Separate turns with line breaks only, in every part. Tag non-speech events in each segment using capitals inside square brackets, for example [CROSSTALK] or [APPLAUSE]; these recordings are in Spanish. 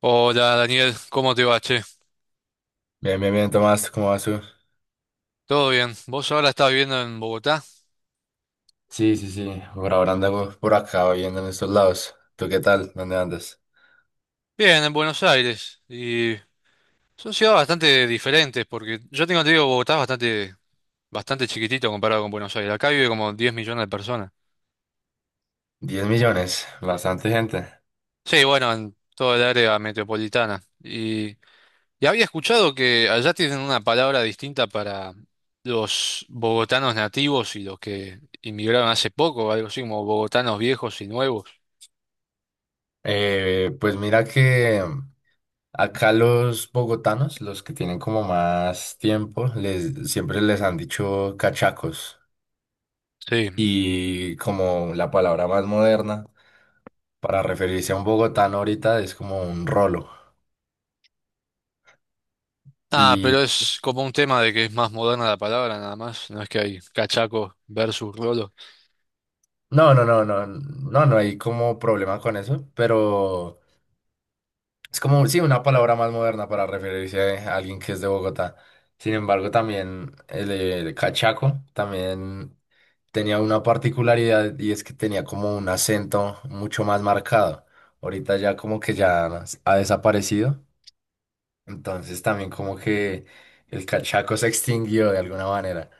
Hola Daniel, ¿cómo te va, che?
Bien, bien, bien, Tomás, ¿cómo vas tú?
¿Todo bien? ¿Vos ahora estás viviendo en Bogotá?
Sí, sí, sí, por ahora ando por acá viviendo en estos lados. ¿Tú qué tal? ¿Dónde andas?
Bien, en Buenos Aires. Y son ciudades bastante diferentes, porque yo tengo entendido que Bogotá es bastante chiquitito comparado con Buenos Aires. Acá vive como 10 millones de personas.
10 millones, bastante gente.
Sí, bueno, en toda el área metropolitana. Y había escuchado que allá tienen una palabra distinta para los bogotanos nativos y los que inmigraron hace poco, algo así como bogotanos viejos y nuevos.
Pues mira que acá los bogotanos, los que tienen como más tiempo, siempre les han dicho cachacos.
Sí.
Y como la palabra más moderna para referirse a un bogotano ahorita es como un rolo.
Ah, pero
Y
es como un tema de que es más moderna la palabra nada más, no es que hay cachaco versus rolo.
no, no, no, no, no, no hay como problema con eso, pero. Es como, sí, una palabra más moderna para referirse a alguien que es de Bogotá. Sin embargo, también el cachaco también tenía una particularidad, y es que tenía como un acento mucho más marcado. Ahorita ya como que ya ha desaparecido. Entonces también como que el cachaco se extinguió de alguna manera.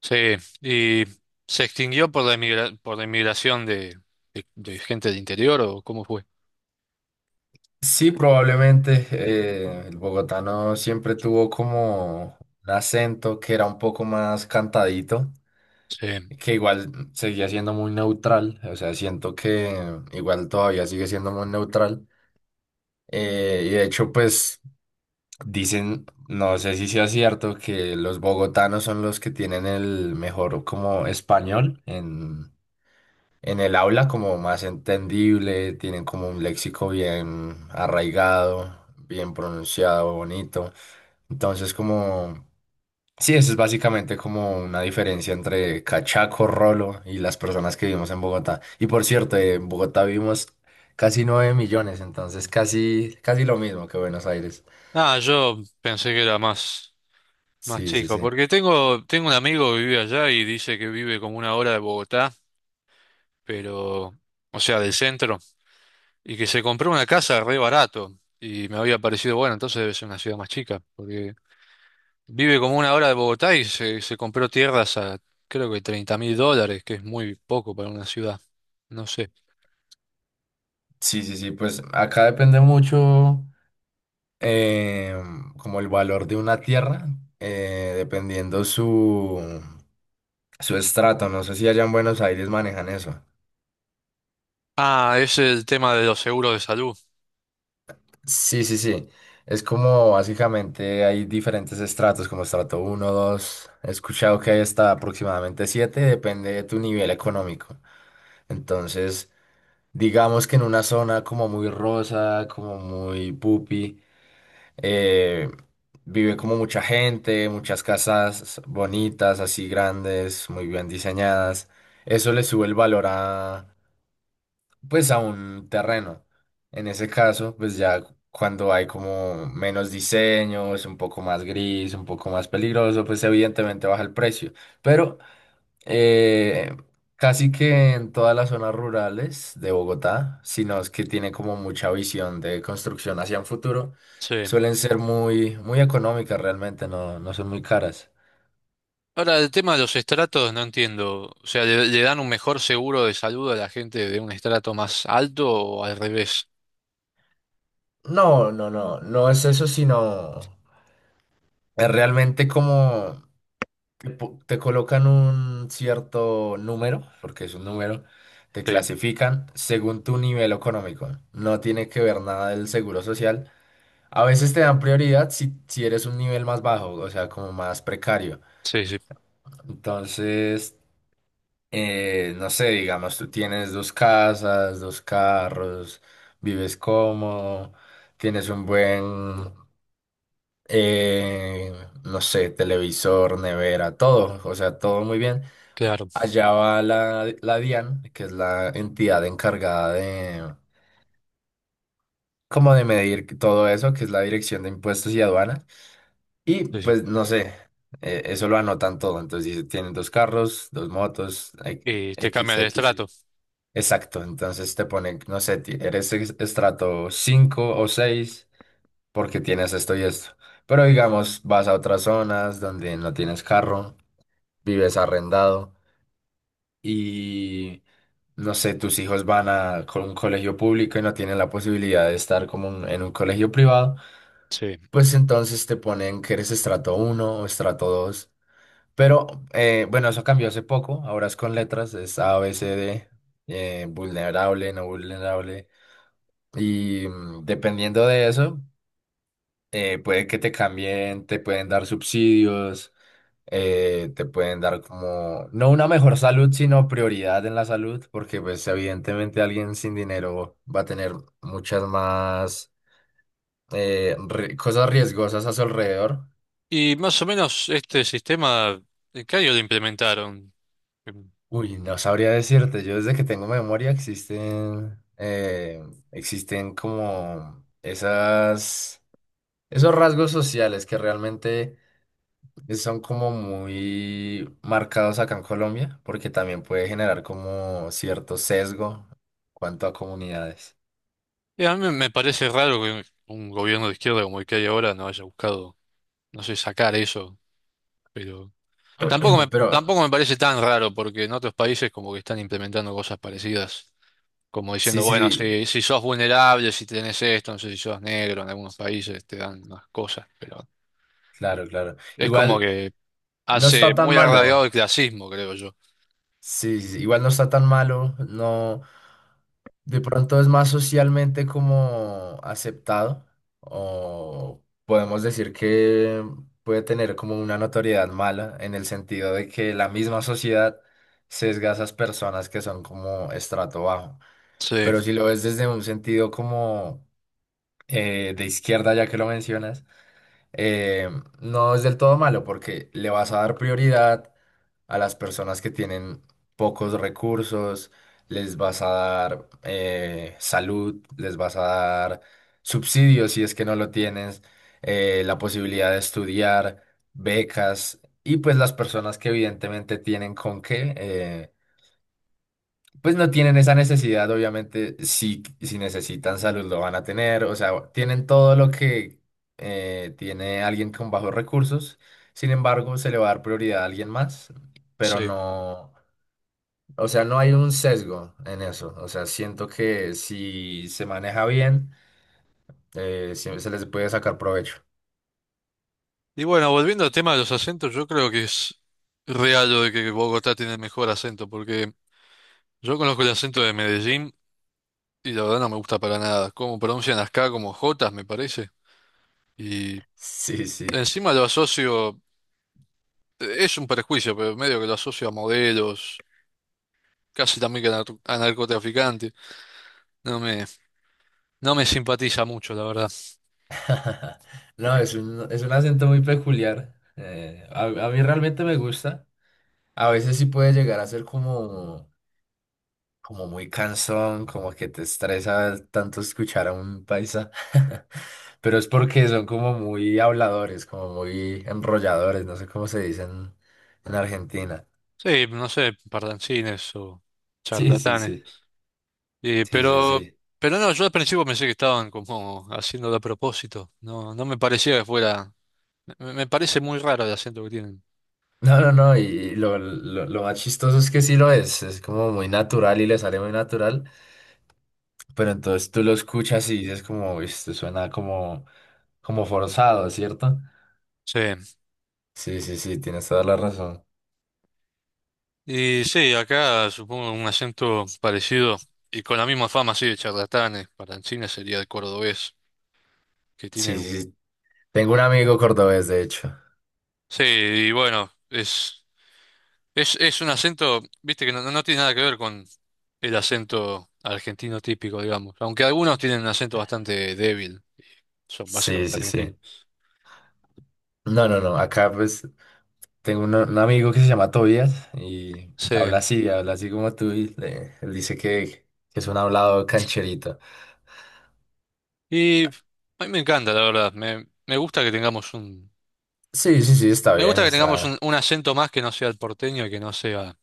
Sí, y se extinguió por la por la inmigración de gente del interior o cómo fue.
Sí, probablemente el bogotano siempre tuvo como un acento que era un poco más cantadito,
Sí.
que igual seguía siendo muy neutral. O sea, siento que igual todavía sigue siendo muy neutral, y de hecho, pues dicen, no sé si sea cierto, que los bogotanos son los que tienen el mejor como español en el aula, como más entendible, tienen como un léxico bien arraigado, bien pronunciado, bonito. Entonces. Sí, eso es básicamente como una diferencia entre cachaco, rolo y las personas que vivimos en Bogotá. Y por cierto, en Bogotá vivimos casi 9 millones, entonces casi, casi lo mismo que Buenos Aires.
Ah, yo pensé que era más, más
Sí, sí,
chico,
sí.
porque tengo un amigo que vive allá y dice que vive como una hora de Bogotá, pero, o sea, del centro, y que se compró una casa re barato y me había parecido, bueno, entonces debe ser una ciudad más chica, porque vive como una hora de Bogotá y se compró tierras a creo que $30.000, que es muy poco para una ciudad. No sé.
Sí, sí, sí, pues acá depende mucho, eh, como el valor de una tierra, dependiendo su estrato. No sé si allá en Buenos Aires manejan eso.
Ah, es el tema de los seguros de salud.
Sí, sí, sí. Es como básicamente hay diferentes estratos, como estrato uno, dos. He escuchado que hay hasta aproximadamente siete, depende de tu nivel económico. Entonces, digamos que en una zona como muy rosa, como muy pupi, eh, vive como mucha gente, muchas casas bonitas, así grandes, muy bien diseñadas. Eso le sube el valor a, pues, a un terreno. En ese caso, pues ya cuando hay como menos diseños, un poco más gris, un poco más peligroso, pues evidentemente baja el precio. Pero eh, casi que en todas las zonas rurales de Bogotá, sino es que tiene como mucha visión de construcción hacia un futuro,
Sí.
suelen ser muy, muy económicas realmente, no son muy caras.
Ahora, el tema de los estratos no entiendo. O sea, ¿le dan un mejor seguro de salud a la gente de un estrato más alto o al revés?
No, no, no, no es eso, sino es realmente como te colocan un cierto número, porque es un número, te
Sí,
clasifican según tu nivel económico. No tiene que ver nada del seguro social. A veces te dan prioridad si eres un nivel más bajo, o sea, como más precario.
sí, sí,
Entonces, no sé, digamos, tú tienes dos casas, dos carros, vives cómodo, tienes un buen, eh, no sé, televisor, nevera, todo, o sea, todo muy bien.
claro.
Allá va la DIAN, que es la entidad encargada de, como, de medir todo eso, que es la Dirección de Impuestos y Aduanas. Y
Sí, sí.
pues no sé, eso lo anotan todo. Entonces dice, tienen dos carros, dos motos,
Y te
X,
cambian el
X. Y".
estrato.
Exacto, entonces te ponen, no sé, eres estrato 5 o seis, porque tienes esto y esto. Pero digamos, vas a otras zonas donde no tienes carro, vives arrendado. Y no sé, tus hijos van a un colegio público y no tienen la posibilidad de estar como en un colegio privado,
Sí.
pues entonces te ponen que eres estrato uno o estrato dos. Pero, bueno, eso cambió hace poco, ahora es con letras, es A, B, C, D, vulnerable, no vulnerable. Y, dependiendo de eso, puede que te cambien, te pueden dar subsidios, te pueden dar como, no una mejor salud, sino prioridad en la salud, porque pues evidentemente alguien sin dinero va a tener muchas más, cosas riesgosas a su alrededor.
Y más o menos este sistema, ¿en qué año lo implementaron?
Uy, no sabría decirte, yo desde que tengo memoria existen, existen como esos rasgos sociales que realmente son como muy marcados acá en Colombia, porque también puede generar como cierto sesgo en cuanto a comunidades.
Y a mí me parece raro que un gobierno de izquierda como el que hay ahora no haya buscado, no sé, sacar eso, pero
[CLEARS THROAT] Pero
tampoco me parece tan raro porque en otros países como que están implementando cosas parecidas, como diciendo,
sí, sí,
bueno,
sí,
si, si sos vulnerable, si tenés esto, no sé si sos negro, en algunos países te dan unas cosas, pero
claro, claro.
es como
Igual
que
no
hace
está tan
muy
malo.
arraigado el clasismo, creo yo.
Sí, sí, sí, igual no está tan malo, no, de pronto es más socialmente como aceptado, o podemos decir que puede tener como una notoriedad mala en el sentido de que la misma sociedad sesga a esas personas que son como estrato bajo.
Sí,
Pero si lo ves desde un sentido como, de izquierda, ya que lo mencionas, eh, no es del todo malo porque le vas a dar prioridad a las personas que tienen pocos recursos, les vas a dar, salud, les vas a dar subsidios si es que no lo tienes, la posibilidad de estudiar, becas, y pues las personas que evidentemente tienen con qué, pues no tienen esa necesidad, obviamente, si necesitan salud lo van a tener, o sea, tienen todo lo que, tiene alguien con bajos recursos. Sin embargo, se le va a dar prioridad a alguien más, pero
sí.
no, o sea, no hay un sesgo en eso. O sea, siento que si se maneja bien, siempre se les puede sacar provecho.
Y bueno, volviendo al tema de los acentos, yo creo que es real lo de que Bogotá tiene el mejor acento, porque yo conozco el acento de Medellín y la verdad no me gusta para nada. Cómo pronuncian las K como Jotas, me parece. Y
Sí, sí.
encima lo asocio, es un prejuicio, pero medio que lo asocio a modelos, casi también que a a narcotraficantes. No me, no me simpatiza mucho, la verdad.
[LAUGHS] No, es un acento muy peculiar. A mí realmente me gusta. A veces sí puede llegar a ser como, muy cansón, como que te estresa tanto escuchar a un paisa. [LAUGHS] Pero es porque son como muy habladores, como muy enrolladores, no sé cómo se dicen en Argentina.
Sí, no sé, pardancines o
Sí, sí,
charlatanes.
sí.
Y,
Sí, sí,
pero,
sí.
pero no, yo al principio pensé que estaban como haciéndolo a propósito. No, no me parecía que fuera, me parece muy raro el acento que tienen.
No, no, no, y lo más chistoso es que sí lo es como muy natural y le sale muy natural, pero entonces tú lo escuchas y dices como, "Uy, esto suena como, forzado, ¿cierto?
Sí.
Sí, sí, sí, tienes toda la razón.
Y sí, acá supongo un acento parecido y con la misma fama, sí, de charlatanes. Para el cine sería el cordobés, que tiene
Sí,
un-
sí, sí. Tengo un amigo cordobés, de hecho.
Sí, y bueno, es un acento, viste, que no, no tiene nada que ver con el acento argentino típico, digamos. Aunque algunos tienen un acento bastante débil, son
Sí,
básicamente
sí, sí.
argentinos.
No, no, no, acá pues tengo un amigo que se llama Tobias y
Sí,
habla así como tú, y él dice que, es un hablado cancherito.
y a mí me encanta, la verdad. Me gusta que tengamos un...
Sí, sí, sí, está
Me
bien,
gusta que tengamos
está.
un acento más que no sea el porteño y que no sea...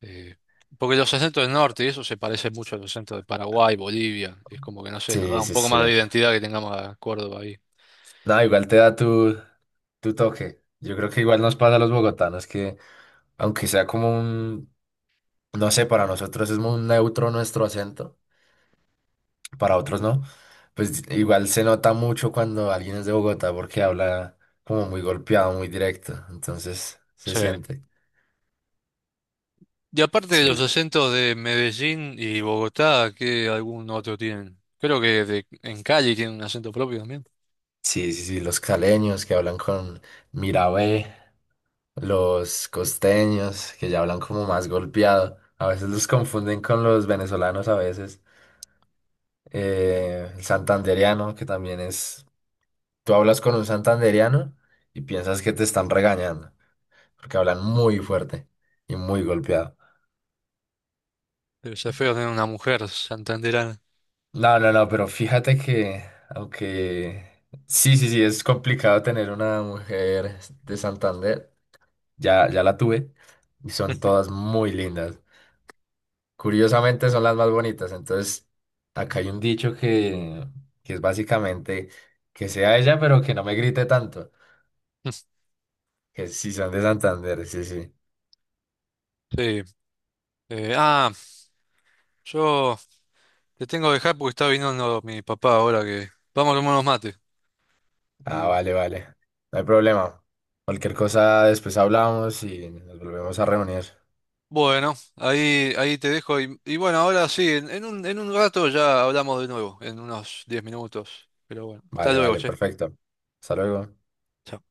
Eh, porque los acentos del norte y eso se parece mucho a los acentos de Paraguay, Bolivia. Y es como que, no sé, nos
Sí,
da un
sí,
poco más
sí.
de identidad que tengamos a Córdoba ahí.
No, igual te da tu toque. Yo creo que igual nos pasa a los bogotanos que, aunque sea como un, no sé, para nosotros es muy neutro nuestro acento, para otros no, pues igual se nota mucho cuando alguien es de Bogotá porque habla como muy golpeado, muy directo. Entonces se
Sí.
siente.
Y aparte de los
Sí,
acentos de Medellín y Bogotá, ¿qué algún otro tienen? Creo que en Cali tienen un acento propio también.
sí, sí, sí. Los caleños que hablan con Mirabé, los costeños que ya hablan como más golpeado. A veces los confunden con los venezolanos a veces. El santandereano, que también es, tú hablas con un santandereano y piensas que te están regañando, porque hablan muy fuerte y muy golpeado.
Debe ser feo tener una mujer santanderana.
No, no, no, pero fíjate que, aunque sí, sí, sí, es complicado tener una mujer de Santander, ya, ya la tuve y son todas muy lindas. Curiosamente son las más bonitas, entonces acá hay un dicho que, es básicamente que sea ella, pero que no me grite tanto.
[LAUGHS]
Que sí, son de Santander, sí, sí.
Sí. Eh, ah, yo te tengo que dejar porque está viniendo mi papá ahora que... Vamos a tomar unos mates.
Ah,
Sí.
vale, vale. No hay problema. Cualquier cosa después hablamos y nos volvemos a reunir.
Bueno, ahí te dejo. Y bueno, ahora sí, en un rato ya hablamos de nuevo, en unos 10 minutos. Pero bueno, hasta
Vale,
luego,
vale,
che.
perfecto. Hasta luego.
Chao.